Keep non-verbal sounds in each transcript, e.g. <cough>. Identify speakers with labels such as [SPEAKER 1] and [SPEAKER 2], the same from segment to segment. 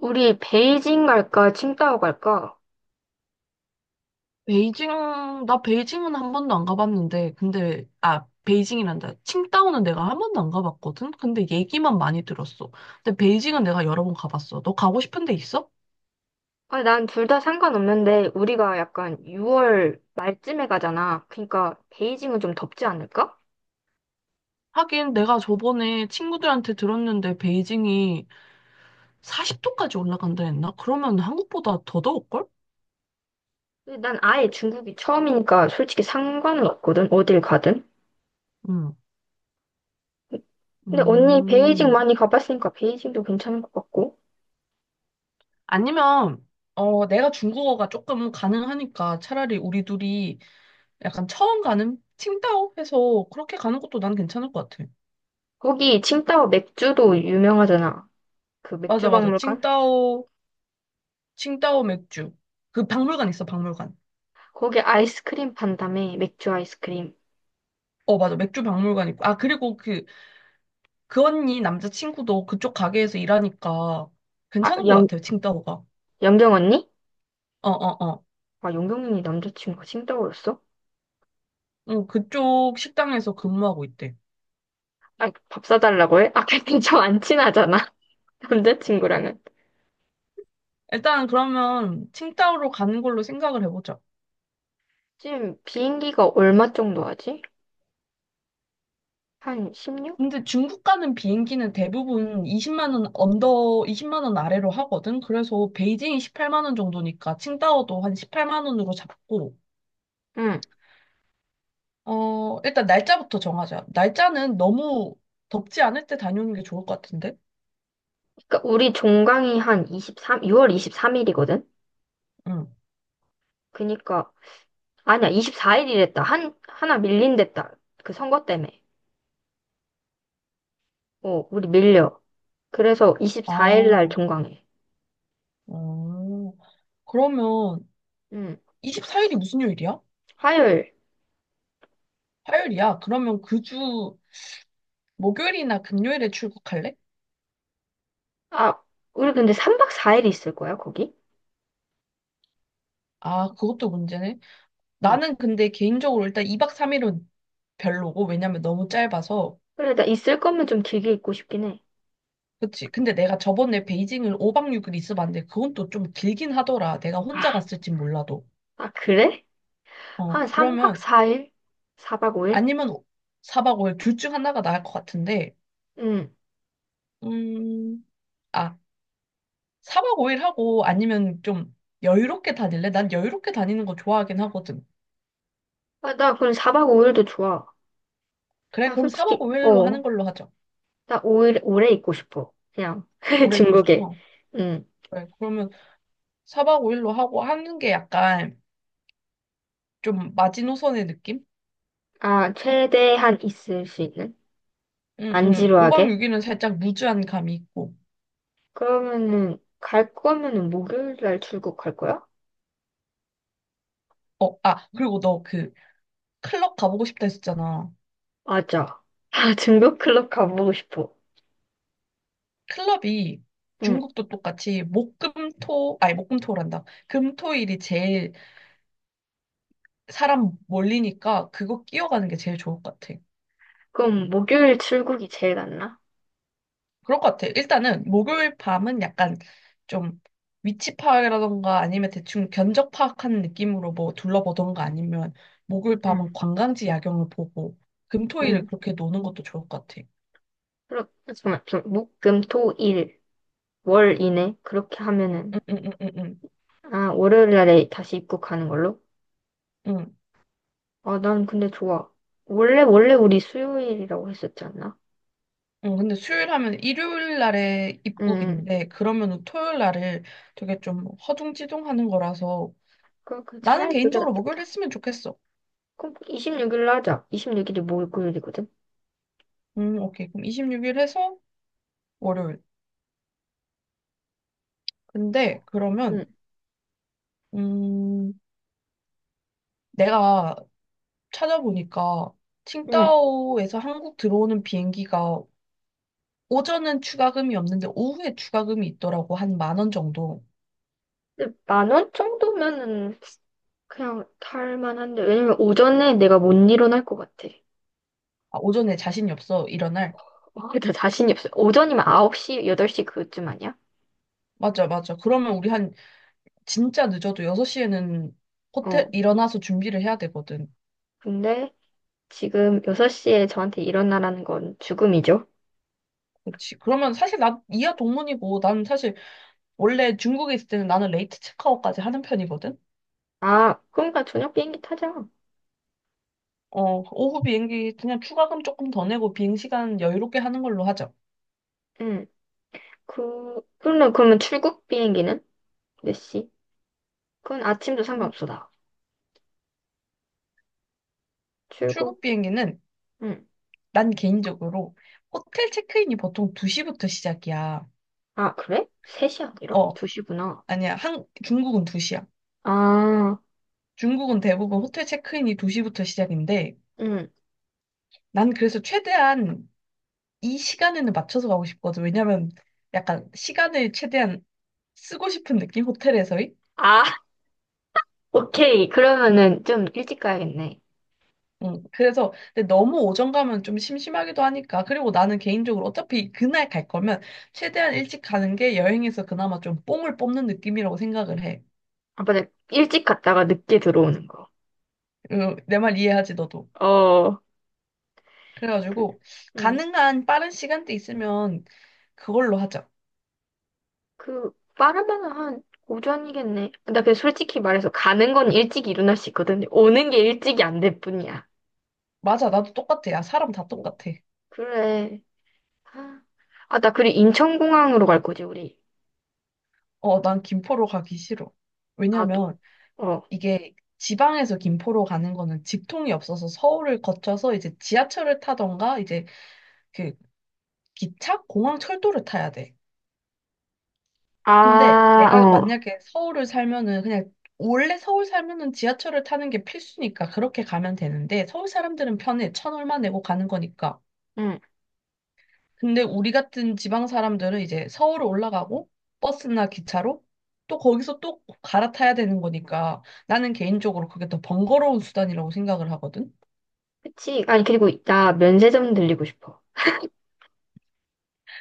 [SPEAKER 1] 우리 베이징 갈까, 칭다오 갈까?
[SPEAKER 2] 베이징, 나 베이징은 한 번도 안 가봤는데, 근데, 아, 베이징이란다. 칭다오는 내가 한 번도 안 가봤거든? 근데 얘기만 많이 들었어. 근데 베이징은 내가 여러 번 가봤어. 너 가고 싶은 데 있어?
[SPEAKER 1] 아, 난 둘 다 상관없는데 우리가 약간 6월 말쯤에 가잖아. 그러니까 베이징은 좀 덥지 않을까?
[SPEAKER 2] 하긴 내가 저번에 친구들한테 들었는데 베이징이 40도까지 올라간다 했나? 그러면 한국보다 더 더울걸?
[SPEAKER 1] 근데 난 아예 중국이 처음이니까 솔직히 상관은 없거든. 어딜 가든.
[SPEAKER 2] 응.
[SPEAKER 1] 근데 언니 베이징
[SPEAKER 2] 음.
[SPEAKER 1] 많이 가봤으니까 베이징도 괜찮을 것 같고.
[SPEAKER 2] 아니면, 내가 중국어가 조금 가능하니까 차라리 우리 둘이 약간 처음 가는 칭다오 해서 그렇게 가는 것도 난 괜찮을 것 같아.
[SPEAKER 1] 거기 칭다오 맥주도 유명하잖아. 그 맥주
[SPEAKER 2] 맞아, 맞아.
[SPEAKER 1] 박물관?
[SPEAKER 2] 칭따오, 칭따오 맥주. 그 박물관 있어, 박물관.
[SPEAKER 1] 거기 아이스크림 판다며 맥주 아이스크림.
[SPEAKER 2] 어, 맞아. 맥주 박물관 있고. 아, 그리고 그 언니 남자친구도 그쪽 가게에서 일하니까
[SPEAKER 1] 아,
[SPEAKER 2] 괜찮은 것 같아요, 칭따오가.
[SPEAKER 1] 영경 언니?
[SPEAKER 2] 어, 어, 어.
[SPEAKER 1] 아, 영경 언니 남자친구가 칭다오였어?
[SPEAKER 2] 응, 그쪽 식당에서 근무하고 있대.
[SPEAKER 1] 아, 밥 사달라고 해? 아, 근데 좀안 친하잖아. <laughs> 남자친구랑은.
[SPEAKER 2] 일단 그러면 칭따오로 가는 걸로 생각을 해보자.
[SPEAKER 1] 지금 비행기가 얼마 정도 하지? 한 16?
[SPEAKER 2] 근데 중국 가는 비행기는 대부분 20만 원 언더, 20만 원 아래로 하거든. 그래서 베이징이 18만 원 정도니까 칭따오도 한 18만 원으로 잡고
[SPEAKER 1] 응.
[SPEAKER 2] 일단 날짜부터 정하자. 날짜는 너무 덥지 않을 때 다녀오는 게 좋을 것 같은데?
[SPEAKER 1] 그러니까 우리 종강이 한 23, 6월 23일이거든?
[SPEAKER 2] 응.
[SPEAKER 1] 그니까, 아니야, 24일이랬다. 하나 밀린댔다. 그 선거 때문에. 우리 밀려. 그래서 24일 날
[SPEAKER 2] 아,
[SPEAKER 1] 종강해.
[SPEAKER 2] 어. 그러면
[SPEAKER 1] 응.
[SPEAKER 2] 24일이 무슨 요일이야?
[SPEAKER 1] 화요일.
[SPEAKER 2] 화요일이야. 그러면 그 주 목요일이나 금요일에 출국할래?
[SPEAKER 1] 아, 우리 근데 3박 4일 있을 거야, 거기?
[SPEAKER 2] 아, 그것도 문제네.
[SPEAKER 1] 응.
[SPEAKER 2] 나는 근데 개인적으로 일단 2박 3일은 별로고, 왜냐면 너무 짧아서.
[SPEAKER 1] 그래, 나 있을 거면 좀 길게 있고 싶긴 해.
[SPEAKER 2] 그치. 근데 내가 저번에 베이징을 5박 6일 있어봤는데, 그건 또 좀 길긴 하더라. 내가 혼자
[SPEAKER 1] 아,
[SPEAKER 2] 갔을진 몰라도.
[SPEAKER 1] 아, 그래?
[SPEAKER 2] 어,
[SPEAKER 1] 한 3박
[SPEAKER 2] 그러면
[SPEAKER 1] 4일? 4박 5일?
[SPEAKER 2] 아니면 4박 5일 둘 중 하나가 나을 것 같은데,
[SPEAKER 1] 응.
[SPEAKER 2] 음, 아, 4박 5일 하고 아니면 좀 여유롭게 다닐래? 난 여유롭게 다니는 거 좋아하긴 하거든.
[SPEAKER 1] 아, 나 그럼 4박 5일도 좋아.
[SPEAKER 2] 그래,
[SPEAKER 1] 나
[SPEAKER 2] 그럼 4박
[SPEAKER 1] 솔직히,
[SPEAKER 2] 5일로
[SPEAKER 1] 어.
[SPEAKER 2] 하는 걸로 하자.
[SPEAKER 1] 나 5일, 오래 있고 싶어. 그냥, <laughs>
[SPEAKER 2] 오래 있고
[SPEAKER 1] 중국에.
[SPEAKER 2] 싶어.
[SPEAKER 1] 응.
[SPEAKER 2] 그래, 그러면 4박 5일로 하고 하는 게 약간 좀 마지노선의 느낌?
[SPEAKER 1] 아, 최대한 있을 수 있는?
[SPEAKER 2] 응,
[SPEAKER 1] 안
[SPEAKER 2] 응. 5박
[SPEAKER 1] 지루하게?
[SPEAKER 2] 6일은 살짝 무주한 감이 있고.
[SPEAKER 1] 그러면은, 갈 거면은 목요일 날 출국 갈 거야?
[SPEAKER 2] 어, 아, 그리고 너 그 클럽 가보고 싶다 했었잖아.
[SPEAKER 1] 맞아. 아, <laughs> 중국 클럽 가보고 싶어.
[SPEAKER 2] 클럽이
[SPEAKER 1] 응.
[SPEAKER 2] 중국도 똑같이 목금토 아니 목금토란다. 금토일이 제일 사람 몰리니까 그거 끼어가는 게 제일 좋을 것 같아.
[SPEAKER 1] 그럼 목요일 출국이 제일 낫나?
[SPEAKER 2] 그럴 것 같아. 일단은 목요일 밤은 약간 좀 위치 파악이라던가 아니면 대충 견적 파악하는 느낌으로 뭐 둘러보던가 아니면 목요일
[SPEAKER 1] 응.
[SPEAKER 2] 밤은 관광지 야경을 보고
[SPEAKER 1] 응.
[SPEAKER 2] 금토일을 그렇게 노는 것도 좋을 것 같아.
[SPEAKER 1] 그럼 잠깐만, 좀, 목, 금, 토, 일, 월 이내? 그렇게 하면은,
[SPEAKER 2] 응응응응응.
[SPEAKER 1] 아, 월요일 날에 다시 입국하는 걸로? 아, 난 근데 좋아. 원래 우리 수요일이라고 했었지 않나?
[SPEAKER 2] 어, 근데 수요일 하면 일요일 날에
[SPEAKER 1] 응, 응.
[SPEAKER 2] 입국인데, 그러면은 토요일 날을 되게 좀 허둥지둥 하는 거라서,
[SPEAKER 1] 그
[SPEAKER 2] 나는
[SPEAKER 1] 차라리 그게
[SPEAKER 2] 개인적으로 목요일
[SPEAKER 1] 낫겠다.
[SPEAKER 2] 했으면 좋겠어.
[SPEAKER 1] 그럼 26일로 하자. 26일이 목요일이거든?
[SPEAKER 2] 오케이. 그럼 26일 해서 월요일. 근데
[SPEAKER 1] 응,
[SPEAKER 2] 그러면, 음, 내가 찾아보니까,
[SPEAKER 1] 응.
[SPEAKER 2] 칭다오에서 한국 들어오는 비행기가 오전은 추가금이 없는데 오후에 추가금이 있더라고. 한 만 원 정도.
[SPEAKER 1] 근데 10,000원 정도면은 그냥 탈 만한데, 왜냐면 오전에 내가 못 일어날 것 같아.
[SPEAKER 2] 아, 오전에 자신이 없어. 일어날.
[SPEAKER 1] 어, <laughs> 나 자신이 없어. 오전이면 9시, 8시 그쯤 아니야?
[SPEAKER 2] 맞아, 맞아. 그러면 우리 한 진짜 늦어도 6시에는
[SPEAKER 1] 어.
[SPEAKER 2] 호텔 일어나서 준비를 해야 되거든.
[SPEAKER 1] 근데 지금 6시에 저한테 일어나라는 건 죽음이죠?
[SPEAKER 2] 그치. 그러면 사실 나 이하 동문이고 난 사실 원래 중국에 있을 때는 나는 레이트 체크아웃까지 하는 편이거든.
[SPEAKER 1] 아, 그러니까 저녁 비행기 타자.
[SPEAKER 2] 어, 오후 비행기 그냥 추가금 조금 더 내고 비행 시간 여유롭게 하는 걸로 하죠.
[SPEAKER 1] 응. 그러면, 출국 비행기는? 몇 시? 그건 아침도
[SPEAKER 2] 음,
[SPEAKER 1] 상관없어, 나. 출국,
[SPEAKER 2] 출국 비행기는
[SPEAKER 1] 응.
[SPEAKER 2] 난 개인적으로 호텔 체크인이 보통 2시부터 시작이야.
[SPEAKER 1] 아, 그래? 3시 아니라?
[SPEAKER 2] 어,
[SPEAKER 1] 2시구나.
[SPEAKER 2] 아니야. 중국은 2시야.
[SPEAKER 1] 아,
[SPEAKER 2] 중국은 대부분 호텔 체크인이 2시부터 시작인데
[SPEAKER 1] 응.
[SPEAKER 2] 난 그래서 최대한 이 시간에는 맞춰서 가고 싶거든. 왜냐면 약간 시간을 최대한 쓰고 싶은 느낌? 호텔에서의?
[SPEAKER 1] 아, <laughs> 오케이. 그러면은 좀 일찍 가야겠네.
[SPEAKER 2] 응. 그래서 근데 너무 오전 가면 좀 심심하기도 하니까. 그리고 나는 개인적으로 어차피 그날 갈 거면 최대한 일찍 가는 게 여행에서 그나마 좀 뽕을 뽑는 느낌이라고 생각을 해.
[SPEAKER 1] 아, 맞아. 일찍 갔다가 늦게 들어오는 거.
[SPEAKER 2] 그 내말 이해하지, 너도.
[SPEAKER 1] 어, 그,
[SPEAKER 2] 그래가지고
[SPEAKER 1] 응.
[SPEAKER 2] 가능한 빠른 시간대 있으면 그걸로 하자.
[SPEAKER 1] 그, 빠르면 한 오전이겠네. 나 그냥 솔직히 말해서 가는 건 일찍 일어날 수 있거든. 오는 게 일찍이 안 될 뿐이야.
[SPEAKER 2] 맞아, 나도 똑같아. 야, 사람 다
[SPEAKER 1] 뭐,
[SPEAKER 2] 똑같아.
[SPEAKER 1] 그래. 아, 아, 나 그리고 인천공항으로 갈 거지, 우리.
[SPEAKER 2] 어, 난 김포로 가기 싫어.
[SPEAKER 1] 나도.
[SPEAKER 2] 왜냐면
[SPEAKER 1] 어.
[SPEAKER 2] 이게 지방에서 김포로 가는 거는 직통이 없어서 서울을 거쳐서 이제 지하철을 타던가 이제 그 기차, 공항, 철도를 타야 돼. 근데
[SPEAKER 1] 아,
[SPEAKER 2] 내가
[SPEAKER 1] 어.
[SPEAKER 2] 만약에 서울을 살면은 그냥 원래 서울 살면은 지하철을 타는 게 필수니까 그렇게 가면 되는데 서울 사람들은 편해. 천 얼마 내고 가는 거니까.
[SPEAKER 1] 응.
[SPEAKER 2] 근데 우리 같은 지방 사람들은 이제 서울 올라가고 버스나 기차로 또 거기서 또 갈아타야 되는 거니까 나는 개인적으로 그게 더 번거로운 수단이라고 생각을 하거든.
[SPEAKER 1] 그치. 아니, 그리고 나 면세점 들리고 싶어.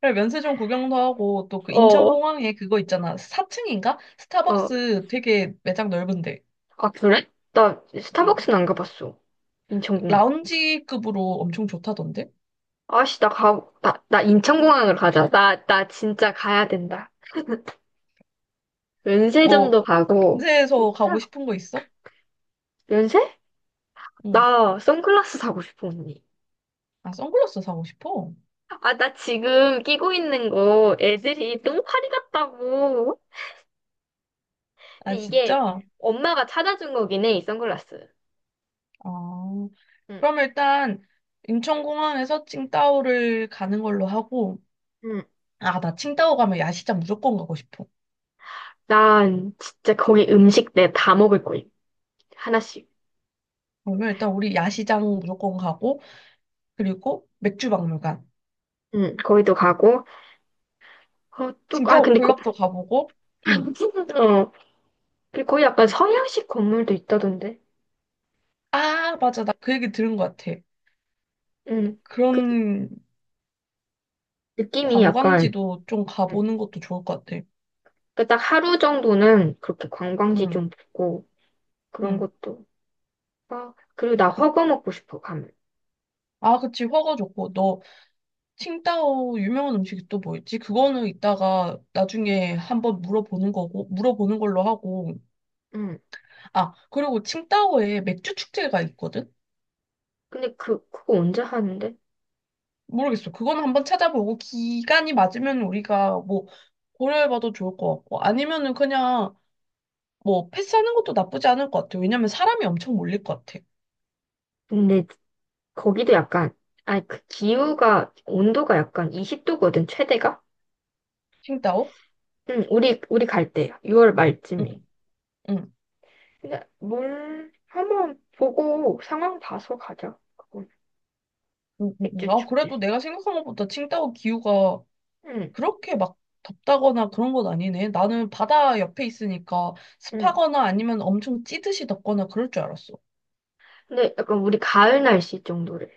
[SPEAKER 2] 그래, 면세점 구경도 하고, 또 그
[SPEAKER 1] 어.
[SPEAKER 2] 인천공항에 그거 있잖아. 4층인가?
[SPEAKER 1] 어.
[SPEAKER 2] 스타벅스 되게 매장 넓은데.
[SPEAKER 1] 아, 그래? 나
[SPEAKER 2] 음,
[SPEAKER 1] 스타벅스는 안 가봤어. 인천공항.
[SPEAKER 2] 라운지급으로 엄청 좋다던데?
[SPEAKER 1] 아씨, 나 인천공항을 가자. 나 진짜 가야 된다.
[SPEAKER 2] 뭐,
[SPEAKER 1] 면세점도 가고.
[SPEAKER 2] 면세에서 가고
[SPEAKER 1] 좋다
[SPEAKER 2] 싶은 거 있어?
[SPEAKER 1] 면세?
[SPEAKER 2] 응.
[SPEAKER 1] 나 선글라스 사고 싶어, 언니.
[SPEAKER 2] 아, 선글라스 사고 싶어?
[SPEAKER 1] 아, 나 지금 끼고 있는 거 애들이 똥파리 같다고. 근데
[SPEAKER 2] 아,
[SPEAKER 1] 이게
[SPEAKER 2] 진짜?
[SPEAKER 1] 엄마가 찾아준 거긴 해, 이 선글라스.
[SPEAKER 2] 아,
[SPEAKER 1] 응
[SPEAKER 2] 그럼 일단, 인천공항에서 칭다오를 가는 걸로 하고,
[SPEAKER 1] 응.
[SPEAKER 2] 아, 나 칭다오 가면 야시장 무조건 가고 싶어.
[SPEAKER 1] 난 진짜 거기 음식 내 다 먹을 거야. 하나씩.
[SPEAKER 2] 그러면 일단 우리 야시장 무조건 가고, 그리고 맥주박물관,
[SPEAKER 1] 응, 거기도 가고. 또, 아,
[SPEAKER 2] 칭다오
[SPEAKER 1] 근데,
[SPEAKER 2] 클럽도 가보고, 응.
[SPEAKER 1] <laughs> 어, 그리고 거기 약간 서양식 건물도 있다던데.
[SPEAKER 2] 아, 맞아. 나 그 얘기 들은 것 같아.
[SPEAKER 1] 응, 그
[SPEAKER 2] 그런
[SPEAKER 1] 느낌이 약간,
[SPEAKER 2] 관광지도 좀
[SPEAKER 1] 응.
[SPEAKER 2] 가보는 것도 좋을 것 같아.
[SPEAKER 1] 그딱 하루 정도는 그렇게 관광지
[SPEAKER 2] 응,
[SPEAKER 1] 좀 보고, 그런
[SPEAKER 2] 응.
[SPEAKER 1] 것도. 아, 그리고 나
[SPEAKER 2] 그-
[SPEAKER 1] 허거 먹고 싶어, 가면.
[SPEAKER 2] 아, 그치. 허거 좋고. 너, 칭다오 유명한 음식이 또 뭐 있지? 그거는 이따가 나중에 한번 물어보는 거고, 물어보는 걸로 하고.
[SPEAKER 1] 응.
[SPEAKER 2] 아, 그리고 칭다오에 맥주 축제가 있거든?
[SPEAKER 1] 근데 그거 언제 하는데?
[SPEAKER 2] 모르겠어. 그거는 한번 찾아보고, 기간이 맞으면 우리가 뭐, 고려해봐도 좋을 것 같고, 아니면은 그냥 뭐, 패스하는 것도 나쁘지 않을 것 같아. 왜냐면 사람이 엄청 몰릴 것 같아.
[SPEAKER 1] 근데 거기도 약간, 아, 그 기후가, 온도가 약간 20도거든, 최대가?
[SPEAKER 2] 칭따오?
[SPEAKER 1] 응, 우리 갈 때, 6월
[SPEAKER 2] 응,
[SPEAKER 1] 말쯤에.
[SPEAKER 2] 응,
[SPEAKER 1] 그냥 뭘 한번 보고 상황 봐서 가자. 그건
[SPEAKER 2] 응, 응. 응.
[SPEAKER 1] 맥주
[SPEAKER 2] 아,
[SPEAKER 1] 축제.
[SPEAKER 2] 그래도 내가 생각한 것보다 칭따오 기후가
[SPEAKER 1] 응,
[SPEAKER 2] 그렇게 막 덥다거나 그런 건 아니네. 나는 바다 옆에 있으니까
[SPEAKER 1] 응.
[SPEAKER 2] 습하거나 아니면 엄청 찌듯이 덥거나 그럴 줄 알았어.
[SPEAKER 1] 근데 약간 우리 가을 날씨 정도래.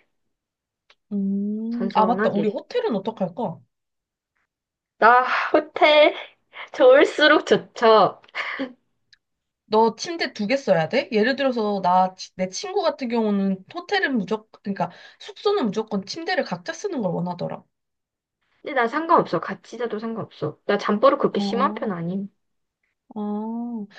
[SPEAKER 2] 맞다.
[SPEAKER 1] 선선하게.
[SPEAKER 2] 우리 호텔은 어떡할까?
[SPEAKER 1] 나 호텔 <laughs> 좋을수록 좋죠.
[SPEAKER 2] 너 침대 두 개 써야 돼? 예를 들어서 내 친구 같은 경우는 호텔은 무조건, 그러니까 숙소는 무조건 침대를 각자 쓰는 걸 원하더라.
[SPEAKER 1] 근데 나 상관없어. 같이 자도 상관없어. 나 잠버릇 그렇게 심한 편
[SPEAKER 2] 어.
[SPEAKER 1] 아님.
[SPEAKER 2] 아,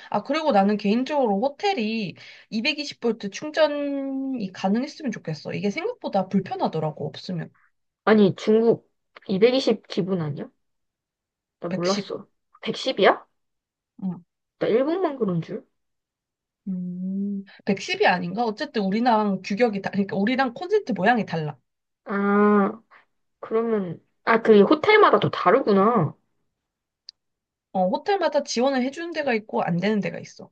[SPEAKER 2] 아, 그리고 나는 개인적으로 호텔이 220V 충전이 가능했으면 좋겠어. 이게 생각보다 불편하더라고, 없으면.
[SPEAKER 1] 아니, 중국 220 기분 아니야? 나
[SPEAKER 2] 110.
[SPEAKER 1] 몰랐어. 110이야?
[SPEAKER 2] 음,
[SPEAKER 1] 나 일본만 그런 줄?
[SPEAKER 2] 110이 아닌가? 어쨌든 우리랑 규격이 그러니까 우리랑 콘센트 모양이 달라.
[SPEAKER 1] 아, 그러면, 그 호텔마다 또 다르구나.
[SPEAKER 2] 어, 호텔마다 지원을 해주는 데가 있고 안 되는 데가 있어.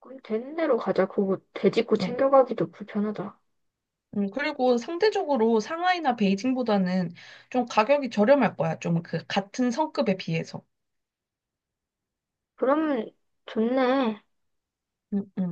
[SPEAKER 1] 그럼 되는 대로 가자. 그거 되짚고
[SPEAKER 2] 음,
[SPEAKER 1] 챙겨가기도 불편하다.
[SPEAKER 2] 그리고 상대적으로 상하이나 베이징보다는 좀 가격이 저렴할 거야. 좀 그 같은 성급에 비해서.
[SPEAKER 1] 그러면 좋네.
[SPEAKER 2] 응, 응.